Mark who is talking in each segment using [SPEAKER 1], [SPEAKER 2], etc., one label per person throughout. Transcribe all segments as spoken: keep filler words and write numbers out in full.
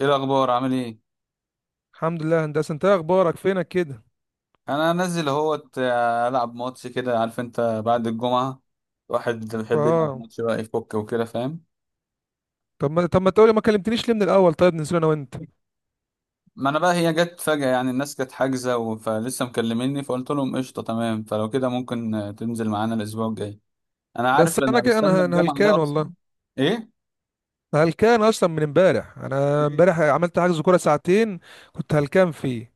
[SPEAKER 1] ايه الاخبار؟ عامل ايه؟
[SPEAKER 2] الحمد لله يا هندسه. انت ايه اخبارك؟ فينك كده؟
[SPEAKER 1] انا نازل اهوت آه، العب ماتش كده، عارف انت؟ بعد الجمعه الواحد بيحب يلعب
[SPEAKER 2] اه
[SPEAKER 1] ماتش بقى، يفك وكده، فاهم؟
[SPEAKER 2] طب ما طب ما تقولي ما كلمتنيش ليه من الاول؟ طيب ننزل انا وانت.
[SPEAKER 1] ما انا بقى هي جت فجاه. يعني الناس كانت حاجزه و- فلسه مكلميني فقلت لهم قشطه تمام. فلو كده ممكن آه، تنزل معانا الاسبوع الجاي. انا
[SPEAKER 2] بس
[SPEAKER 1] عارف
[SPEAKER 2] انا
[SPEAKER 1] انا
[SPEAKER 2] كده،
[SPEAKER 1] بستنى
[SPEAKER 2] انا انا
[SPEAKER 1] الجمعه
[SPEAKER 2] هلكان
[SPEAKER 1] ده اصلا.
[SPEAKER 2] والله.
[SPEAKER 1] ايه؟
[SPEAKER 2] أنا هلكان اصلا من امبارح، انا
[SPEAKER 1] إيه؟
[SPEAKER 2] امبارح عملت حجز كوره ساعتين، كنت هلكان فيه.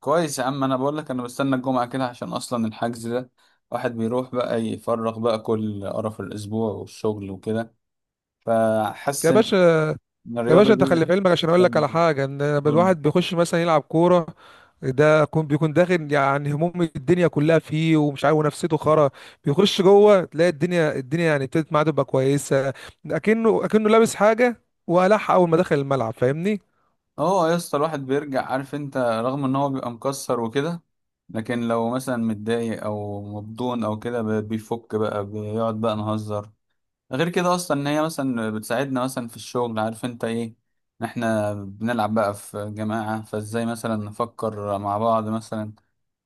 [SPEAKER 1] كويس يا عم، انا بقول لك انا بستنى الجمعه كده عشان اصلا الحجز ده. واحد بيروح بقى يفرغ بقى كل قرف الاسبوع والشغل وكده. فحاسس
[SPEAKER 2] يا
[SPEAKER 1] إن،
[SPEAKER 2] باشا،
[SPEAKER 1] إن
[SPEAKER 2] يا
[SPEAKER 1] الرياضة
[SPEAKER 2] باشا انت خلي
[SPEAKER 1] دي
[SPEAKER 2] في علمك عشان اقول لك
[SPEAKER 1] جامدة.
[SPEAKER 2] على حاجه، ان
[SPEAKER 1] قول.
[SPEAKER 2] الواحد بيخش مثلا يلعب كوره، ده يكون بيكون داخل يعني هموم الدنيا كلها فيه ومش عارف ونفسيته خرا. بيخش جوه تلاقي الدنيا الدنيا يعني ابتدت معاه تبقى كويسه. اكنه اكنه لابس حاجه وقلعها اول ما دخل الملعب، فاهمني؟
[SPEAKER 1] اه يا اسطى، الواحد بيرجع، عارف انت، رغم ان هو بيبقى مكسر وكده، لكن لو مثلا متضايق او مبدون او كده ب- بيفك بقى، بيقعد بقى نهزر. غير كده اصلا ان هي مثلا بتساعدنا مثلا في الشغل، عارف انت ايه؟ إن احنا بنلعب بقى في جماعة، فازاي مثلا نفكر مع بعض مثلا.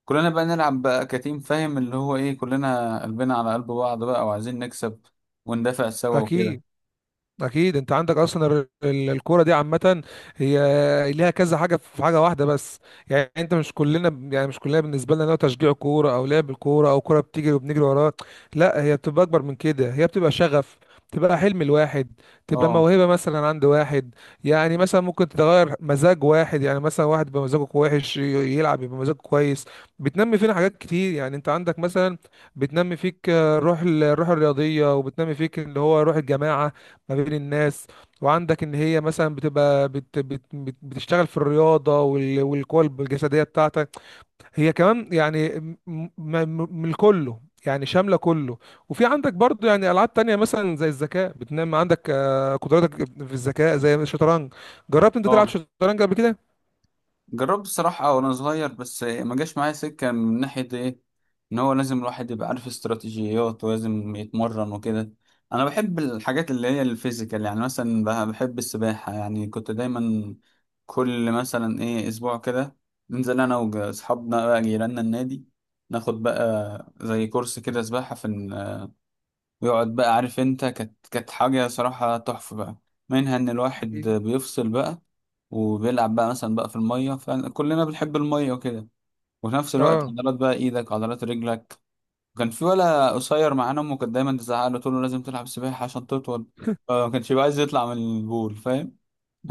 [SPEAKER 1] كلنا بقى نلعب بقى كتيم، فاهم اللي هو ايه؟ كلنا قلبنا على قلب بعض بقى، وعايزين نكسب وندافع سوا وكده.
[SPEAKER 2] اكيد. اكيد انت عندك اصلا ال- ال- الكوره دي عامه، هي ليها كذا حاجه في حاجه واحده بس. يعني انت مش كلنا، يعني مش كلنا بالنسبه لنا هو تشجيع كوره او لعب الكوره او كوره بتيجي وبنجري وراها. لا، هي بتبقى اكبر من كده، هي بتبقى شغف، تبقى حلم الواحد، تبقى
[SPEAKER 1] اه.
[SPEAKER 2] موهبه مثلا عند واحد. يعني مثلا ممكن تتغير مزاج واحد، يعني مثلا واحد يبقى مزاجه وحش ي- يلعب يبقى مزاجه كويس. بتنمي فينا حاجات كتير، يعني انت عندك مثلا بتنمي فيك آه، الروح ال- الروح الرياضيه، وبتنمي فيك اللي هو روح الجماعه ما بين الناس. وعندك ان هي مثلا بتبقى بت بت بت بتشتغل في الرياضه وال- والقوى الجسديه بتاعتك. هي كمان يعني م- م- م- من كله، يعني شامله كله. وفي عندك برضو يعني العاب تانية مثلا زي الذكاء بتنام عندك آه، قدراتك في الذكاء، زي الشطرنج. جربت انت تلعب
[SPEAKER 1] اه،
[SPEAKER 2] شطرنج قبل كده؟
[SPEAKER 1] جربت الصراحة وأنا صغير بس ما جاش معايا سكة من ناحية إيه؟ إن هو لازم الواحد يبقى عارف استراتيجيات ولازم يتمرن وكده. أنا بحب الحاجات اللي هي الفيزيكال. يعني مثلا بح- بحب السباحة. يعني كنت دايما كل مثلا إيه أسبوع كده ننزل أنا وأصحابنا بقى جيراننا النادي، ناخد بقى زي كورس كده سباحة في. ويقعد بقى، عارف انت، كانت كانت حاجة صراحة تحفة بقى، منها ان الواحد
[SPEAKER 2] أكيد.
[SPEAKER 1] بيفصل بقى وبيلعب بقى مثلا بقى في المية، فكلنا بنحب المية وكده، وفي نفس الوقت
[SPEAKER 2] اه،
[SPEAKER 1] عضلات بقى ايدك، عضلات رجلك. وكان في ولا قصير معانا امه كانت دايما تزعق له تقول له لازم تلعب سباحة عشان تطول، فما كانش بيبقى عايز يطلع من البول، فاهم؟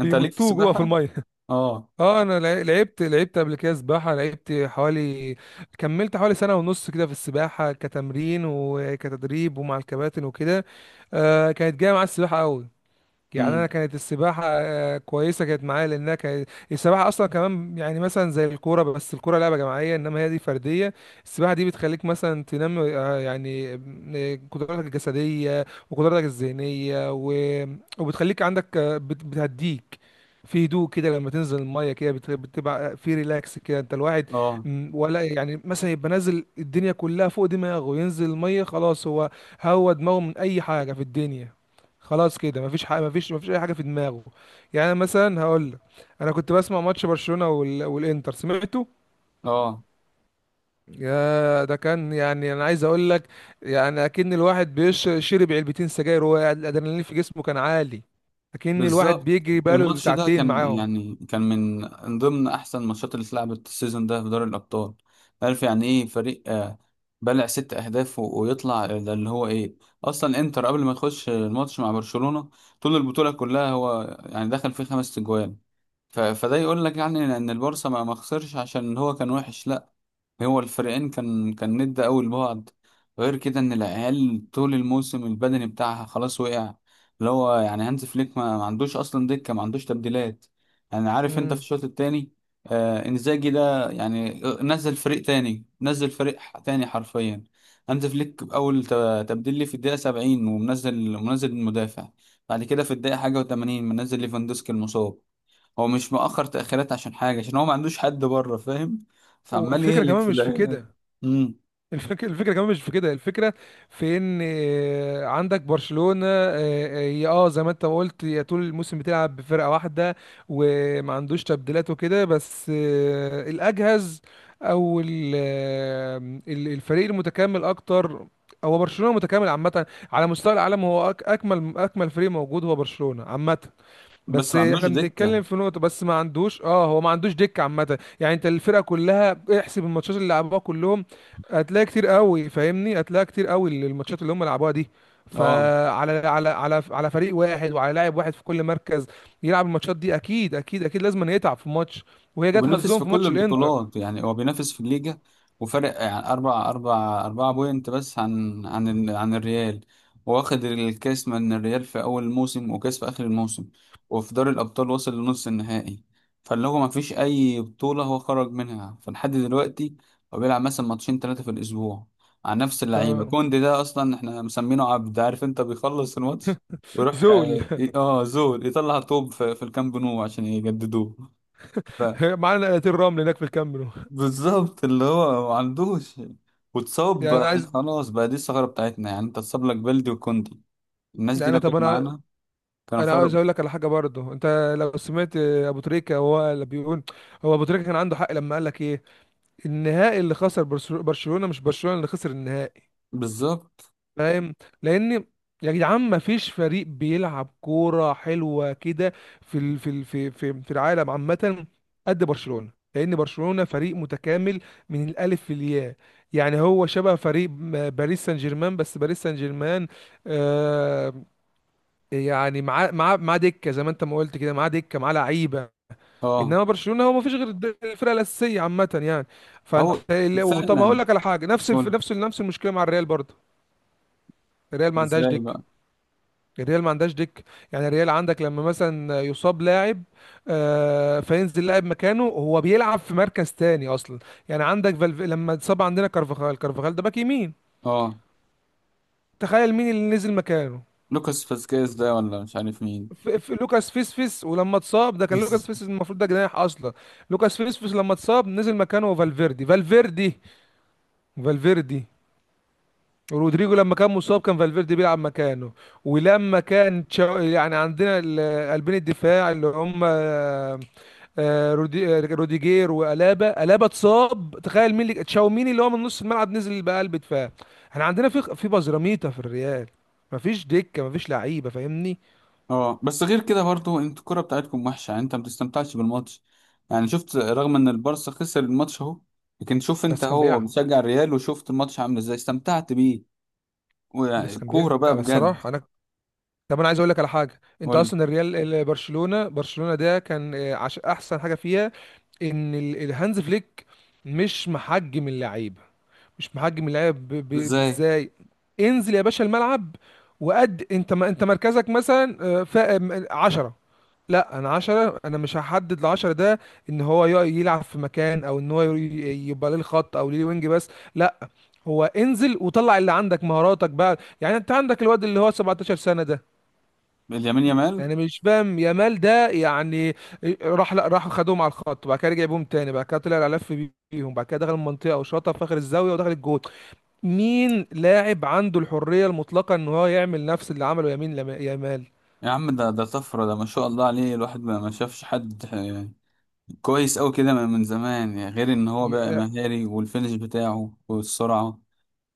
[SPEAKER 1] انت ليك في
[SPEAKER 2] جوه في
[SPEAKER 1] السباحة؟
[SPEAKER 2] الميه.
[SPEAKER 1] اه.
[SPEAKER 2] اه، انا لع- لعبت لعبت قبل كده سباحه، لعبت حوالي، كملت حوالي سنه ونص كده في السباحه كتمرين وكتدريب ومع الكباتن وكده. آه كانت جايه مع السباحه قوي. يعني
[SPEAKER 1] امم.
[SPEAKER 2] انا كانت السباحه آه، كويسه، كانت معايا لانها كانت السباحه اصلا كمان يعني مثلا زي الكوره، بس الكوره لعبه جماعيه انما هي دي فرديه. السباحه دي بتخليك مثلا تنمي آه، يعني آه، قدراتك الجسديه وقدراتك الذهنيه و... وبتخليك عندك آه، بت- بتهديك في هدوء كده. لما تنزل الميه كده بت- بتبقى آه، في ريلاكس كده انت الواحد.
[SPEAKER 1] اه.
[SPEAKER 2] م، ولا يعني مثلا يبقى نازل الدنيا كلها فوق دماغه، ينزل الميه خلاص، هو هو دماغه من اي حاجه في الدنيا، خلاص كده مفيش حاجه، مفيش مفيش اي حاجه في دماغه. يعني أنا مثلا هقول لك، انا كنت بسمع ماتش برشلونه وال... والانتر سمعته،
[SPEAKER 1] اه.
[SPEAKER 2] يا ده كان، يعني انا عايز اقول لك، يعني اكن الواحد بيشرب علبتين سجاير وهو قاعد، الادرينالين في جسمه كان عالي، اكن الواحد
[SPEAKER 1] بالظبط.
[SPEAKER 2] بيجري بقاله
[SPEAKER 1] الماتش ده
[SPEAKER 2] ساعتين
[SPEAKER 1] كان
[SPEAKER 2] معاهم.
[SPEAKER 1] يعني كان من ضمن احسن الماتشات اللي اتلعبت السيزون ده في دوري الابطال. عارف يعني ايه فريق آه، بلع ست اهداف و- ويطلع، ده اللي هو ايه؟ اصلا انتر قبل ما تخش الماتش مع برشلونة طول البطولة كلها هو يعني دخل فيه خمس تجوان. ف- فده يقول لك يعني ان البارسا ما ما خسرش عشان هو كان وحش، لا. هو الفريقين كان كان ند قوي لبعض. غير كده ان العيال طول الموسم البدني بتاعها خلاص وقع، اللي هو يعني هانز فليك ما, ما عندوش اصلا دكه، ما عندوش تبديلات. يعني عارف انت في
[SPEAKER 2] امم،
[SPEAKER 1] الشوط الثاني آه انزاجي ده، يعني آه، نزل فريق تاني، نزل فريق ح- تاني حرفيا. هانز فليك اول ت- تبديل ليه في الدقيقه سبعين ومنزل منزل المدافع. بعد كده في الدقيقه حاجه و80 منزل ليفاندوسكي المصاب. هو مش مؤخر تأخيرات عشان حاجة، عشان هو ما عندوش حد بره، فاهم؟ فعمال
[SPEAKER 2] والفكره
[SPEAKER 1] يهلك
[SPEAKER 2] كمان
[SPEAKER 1] في
[SPEAKER 2] مش في
[SPEAKER 1] العيال.
[SPEAKER 2] كده،
[SPEAKER 1] امم.
[SPEAKER 2] الفك... الفكره كمان مش في كده، الفكره في ان آه، عندك برشلونه، اه آه، يا آه، زي ما انت ما قلت، يا طول الموسم بتلعب بفرقه واحده وما عندوش تبديلات وكده، بس آه، الاجهز او ال- آه، ال- الفريق المتكامل اكتر. هو برشلونه متكامل عامه، على مستوى العالم هو أك... اكمل، اكمل فريق موجود هو برشلونه عامه.
[SPEAKER 1] بس
[SPEAKER 2] بس
[SPEAKER 1] ما عندوش
[SPEAKER 2] احنا
[SPEAKER 1] دكة.
[SPEAKER 2] بنتكلم في نقطة، بس ما عندوش، اه هو ما عندوش دكة عامة. يعني انت الفرقة كلها، احسب الماتشات اللي لعبوها كلهم، هتلاقي كتير قوي، فاهمني؟ هتلاقي كتير قوي الماتشات اللي هم لعبوها دي.
[SPEAKER 1] اه.
[SPEAKER 2] فعلى على على على فريق واحد وعلى لاعب واحد في كل مركز يلعب الماتشات دي، اكيد اكيد اكيد لازم يتعب في ماتش، وهي جت
[SPEAKER 1] وبينافس
[SPEAKER 2] حظهم
[SPEAKER 1] في
[SPEAKER 2] في
[SPEAKER 1] كل
[SPEAKER 2] ماتش الانتر.
[SPEAKER 1] البطولات، يعني هو بينافس في الليجا وفارق يعني أربع أربع أربعة بوينت بس عن عن ال- عن الريال. واخد الكاس من الريال في أول الموسم، وكاس في آخر الموسم، وفي دوري الأبطال وصل لنص النهائي. فاللي هو مفيش أي بطولة هو خرج منها، فلحد دلوقتي هو بيلعب مثلا ماتشين تلاتة في الأسبوع على نفس اللعيبة.
[SPEAKER 2] اه.
[SPEAKER 1] كوندي ده أصلا احنا مسمينه عبد، عارف أنت، بيخلص الماتش ويروح
[SPEAKER 2] زول
[SPEAKER 1] اه آه، زول يطلع طوب في في الكامب نو عشان يجددوه.
[SPEAKER 2] معانا نقلتين رمل هناك في الكاميرون.
[SPEAKER 1] بالظبط، اللي هو ما عندوش. واتصاب
[SPEAKER 2] يعني
[SPEAKER 1] بقى
[SPEAKER 2] عايز،
[SPEAKER 1] خلاص بقى، دي الثغرة بتاعتنا، يعني انت اتصاب لك بلدي وكوندي. الناس دي
[SPEAKER 2] يعني
[SPEAKER 1] لو
[SPEAKER 2] طب
[SPEAKER 1] كانت
[SPEAKER 2] انا،
[SPEAKER 1] معانا كانوا
[SPEAKER 2] انا عاوز
[SPEAKER 1] فرقوا.
[SPEAKER 2] اقول لك على حاجه برضه. انت لو سمعت ابو تريكه وهو اللي بيقول، هو ابو تريكه كان عنده حق لما قال لك ايه، النهائي اللي خسر برشلو- برشلونه، مش برشلونه اللي خسر النهائي،
[SPEAKER 1] بالظبط.
[SPEAKER 2] فاهم؟ لان، يا جدعان، ما فيش فريق بيلعب كوره حلوه كده في ال... في ال... في في في العالم عامه قد برشلونه، لان برشلونه فريق متكامل من الالف للياء. يعني هو شبه فريق م- باريس سان جيرمان، بس باريس سان جيرمان آه، يعني معاه معاه معاه دكه، زي ما انت ما قلت كده، معاه دكه، معاه لعيبه.
[SPEAKER 1] اه.
[SPEAKER 2] انما برشلونه هو ما فيش غير الد- الفرقه الاساسيه عامه يعني. فانت
[SPEAKER 1] او.
[SPEAKER 2] لو- طب ما اقول
[SPEAKER 1] فعلا.
[SPEAKER 2] لك على حاجه، نفس الف...
[SPEAKER 1] قول.
[SPEAKER 2] نفس نفس المشكله مع الريال برضه. الريال ما عندهاش
[SPEAKER 1] ازاي
[SPEAKER 2] دكه،
[SPEAKER 1] بقى؟
[SPEAKER 2] الريال ما عندهاش دكه. يعني الريال عندك لما مثلا يصاب لاعب، آه فينزل لاعب مكانه هو بيلعب في مركز تاني اصلا. يعني عندك فالف... لما اتصاب عندنا كارفاخال، كارفاخال ده باك يمين،
[SPEAKER 1] اه.
[SPEAKER 2] تخيل مين اللي نزل مكانه؟
[SPEAKER 1] لوكاس فاسكيز ده، ولا مش عارف مين.
[SPEAKER 2] في في لوكاس فيسفيس، ولما اتصاب ده، كان
[SPEAKER 1] بس-
[SPEAKER 2] لوكاس فيسفيس المفروض ده جناح اصلا. لوكاس فيسفيس لما اتصاب نزل مكانه فالفيردي، فالفيردي فالفيردي رودريجو لما كان مصاب كان فالفيردي بيلعب مكانه. ولما كان تشا- يعني عندنا ال- قلبين الدفاع اللي هم آه، آه، رودي- آه، روديجير وألابا، ألابا اتصاب، تخيل مين اللي تشاوميني، اللي هو من نص الملعب نزل بقلب دفاع. احنا عندنا في في بزراميطة في الريال، مفيش دكة، مفيش لعيبة، فاهمني؟
[SPEAKER 1] اه، بس غير كده برضو، انت الكرة بتاعتكم وحشة، يعني انت ما بتستمتعش بالماتش. يعني شفت رغم ان البارسا خسر الماتش اهو، لكن شوف انت
[SPEAKER 2] بس كان
[SPEAKER 1] اهو
[SPEAKER 2] بيلعب،
[SPEAKER 1] مشجع الريال، وشفت الماتش عامل ازاي، استمتعت بيه.
[SPEAKER 2] بس
[SPEAKER 1] ويعني
[SPEAKER 2] كان
[SPEAKER 1] كورة بقى
[SPEAKER 2] بيلعب
[SPEAKER 1] بجد.
[SPEAKER 2] الصراحه انا، طب انا عايز اقول لك على حاجه. انت
[SPEAKER 1] قول.
[SPEAKER 2] اصلا الريال ال- برشلونه، برشلونه ده كان آه، عش... احسن حاجه فيها ان ال- الهانز فليك مش محجم اللعيبه، مش محجم اللعيبه، ب- ب-
[SPEAKER 1] ازاي؟
[SPEAKER 2] بازاي. انزل يا باشا الملعب، وقد انت ما انت مركزك مثلا آه، ف... م- عشرة. لا انا عشرة، انا مش هحدد العشرة ده، ان هو يق- يلعب في مكان او ان هو ي- يبقى ليه الخط او ليه وينج، بس لا، هو انزل وطلع اللي عندك مهاراتك بقى. يعني انت عندك الواد اللي هو سبعتاشر سنة ده،
[SPEAKER 1] اليمين يامال.
[SPEAKER 2] يعني مش فاهم يامال ده يعني، راح لا راح خدوهم على الخط، بعد كده رجع بيهم تاني، بعد كده طلع لف بيهم، بعد كده دخل المنطقة وشاطها في اخر الزاوية ودخل الجول. مين لاعب عنده الحرية المطلقة ان هو يعمل نفس اللي عمله يمين لما- يامال؟
[SPEAKER 1] يا عم ده ده طفرة، ده ما شاء الله عليه. الواحد ما ما شافش حد آه، كويس قوي كده من من زمان، يعني غير ان هو
[SPEAKER 2] ي-
[SPEAKER 1] بقى
[SPEAKER 2] آه،
[SPEAKER 1] مهاري، والفينش بتاعه والسرعة،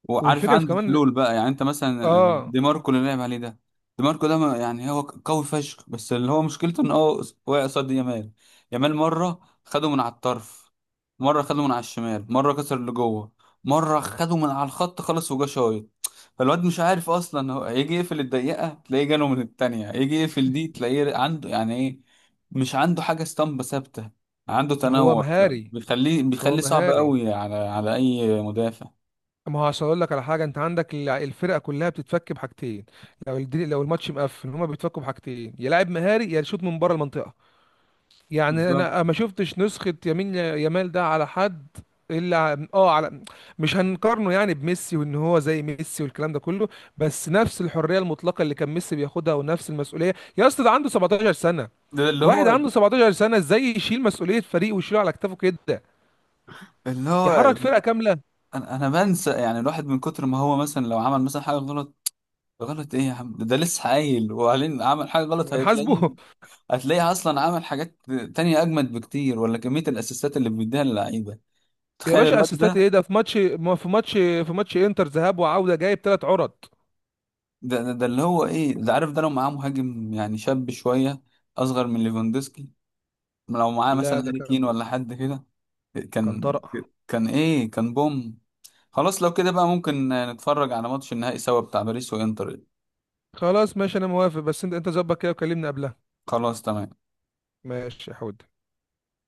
[SPEAKER 1] وعارف
[SPEAKER 2] والفكرة في
[SPEAKER 1] عنده
[SPEAKER 2] كمان،
[SPEAKER 1] حلول بقى. يعني انت مثلا
[SPEAKER 2] اه.
[SPEAKER 1] دي ماركو اللي لعب عليه ده، دي ماركو ده ما- يعني هو قوي فشخ، بس اللي هو مشكلته ان هو واقع قصاد يامال. يامال مره خده من على الطرف، مره خده من على الشمال، مره كسر اللي جوه، مره خده من على الخط خلص وجا شايط. فالواد مش عارف اصلا، هو هيجي يقفل الدقيقه تلاقيه جاله من التانية، يجي يقفل دي تلاقيه عنده، يعني ايه؟ مش عنده حاجه اسطمبه ثابته، عنده
[SPEAKER 2] هو
[SPEAKER 1] تنوع.
[SPEAKER 2] مهاري
[SPEAKER 1] بيخليه
[SPEAKER 2] هو
[SPEAKER 1] بيخليه صعب
[SPEAKER 2] مهاري
[SPEAKER 1] قوي على على اي مدافع.
[SPEAKER 2] ما هو عشان اقول لك على حاجه، انت عندك الع- الفرقه كلها بتتفك بحاجتين، لو الدي... لو الماتش مقفل هما بيتفكوا بحاجتين، يا لاعب مهاري يا شوط من بره المنطقه. يعني
[SPEAKER 1] بالظبط.
[SPEAKER 2] انا ما شفتش نسخه يمين يامال ده على حد، الا ع- اه على، مش هنقارنه يعني بميسي وان هو زي ميسي والكلام ده كله، بس نفس الحريه المطلقه اللي كان ميسي بياخدها ونفس المسؤوليه. يا اسطى، ده عنده سبعة عشر سنه،
[SPEAKER 1] ده اللي
[SPEAKER 2] واحد
[SPEAKER 1] هو،
[SPEAKER 2] عنده سبعتاشر سنه ازاي يشيل مسؤوليه فريق ويشيله على كتافه كده،
[SPEAKER 1] اللي هو.
[SPEAKER 2] يحرك فرقه كامله؟
[SPEAKER 1] انا انا بنسى يعني الواحد من كتر ما هو مثلا لو عمل مثلا حاجه غلط. غلط ايه يا عم؟ ده ده لسه قايل وبعدين عمل حاجه غلط، هتلاقيه.
[SPEAKER 2] هنحاسبه؟
[SPEAKER 1] هتلاقيه اصلا عمل حاجات تانية اجمد بكتير، ولا كميه الاسيستات اللي بيديها للعيبه.
[SPEAKER 2] يا
[SPEAKER 1] تخيل
[SPEAKER 2] باشا
[SPEAKER 1] الواد
[SPEAKER 2] اسيستات
[SPEAKER 1] ده.
[SPEAKER 2] ايه؟ ده في ماتش ما في ماتش، في ماتش انتر ذهاب وعوده جايب ثلاث عرض.
[SPEAKER 1] ده, ده, ده اللي هو ايه ده، عارف، ده لو معاه مهاجم يعني شاب شويه، اصغر من ليفاندوسكي، لو معاه مثلا
[SPEAKER 2] لا ده
[SPEAKER 1] هاري كين
[SPEAKER 2] كان،
[SPEAKER 1] ولا حد كده،
[SPEAKER 2] كان
[SPEAKER 1] كان
[SPEAKER 2] طرق.
[SPEAKER 1] كان ايه؟ كان بوم. خلاص لو كده بقى ممكن نتفرج على ماتش النهائي سوا بتاع باريس وانتر.
[SPEAKER 2] خلاص ماشي انا موافق، بس انت انت ظبط كده وكلمني قبلها.
[SPEAKER 1] خلاص تمام.
[SPEAKER 2] ماشي يا حود.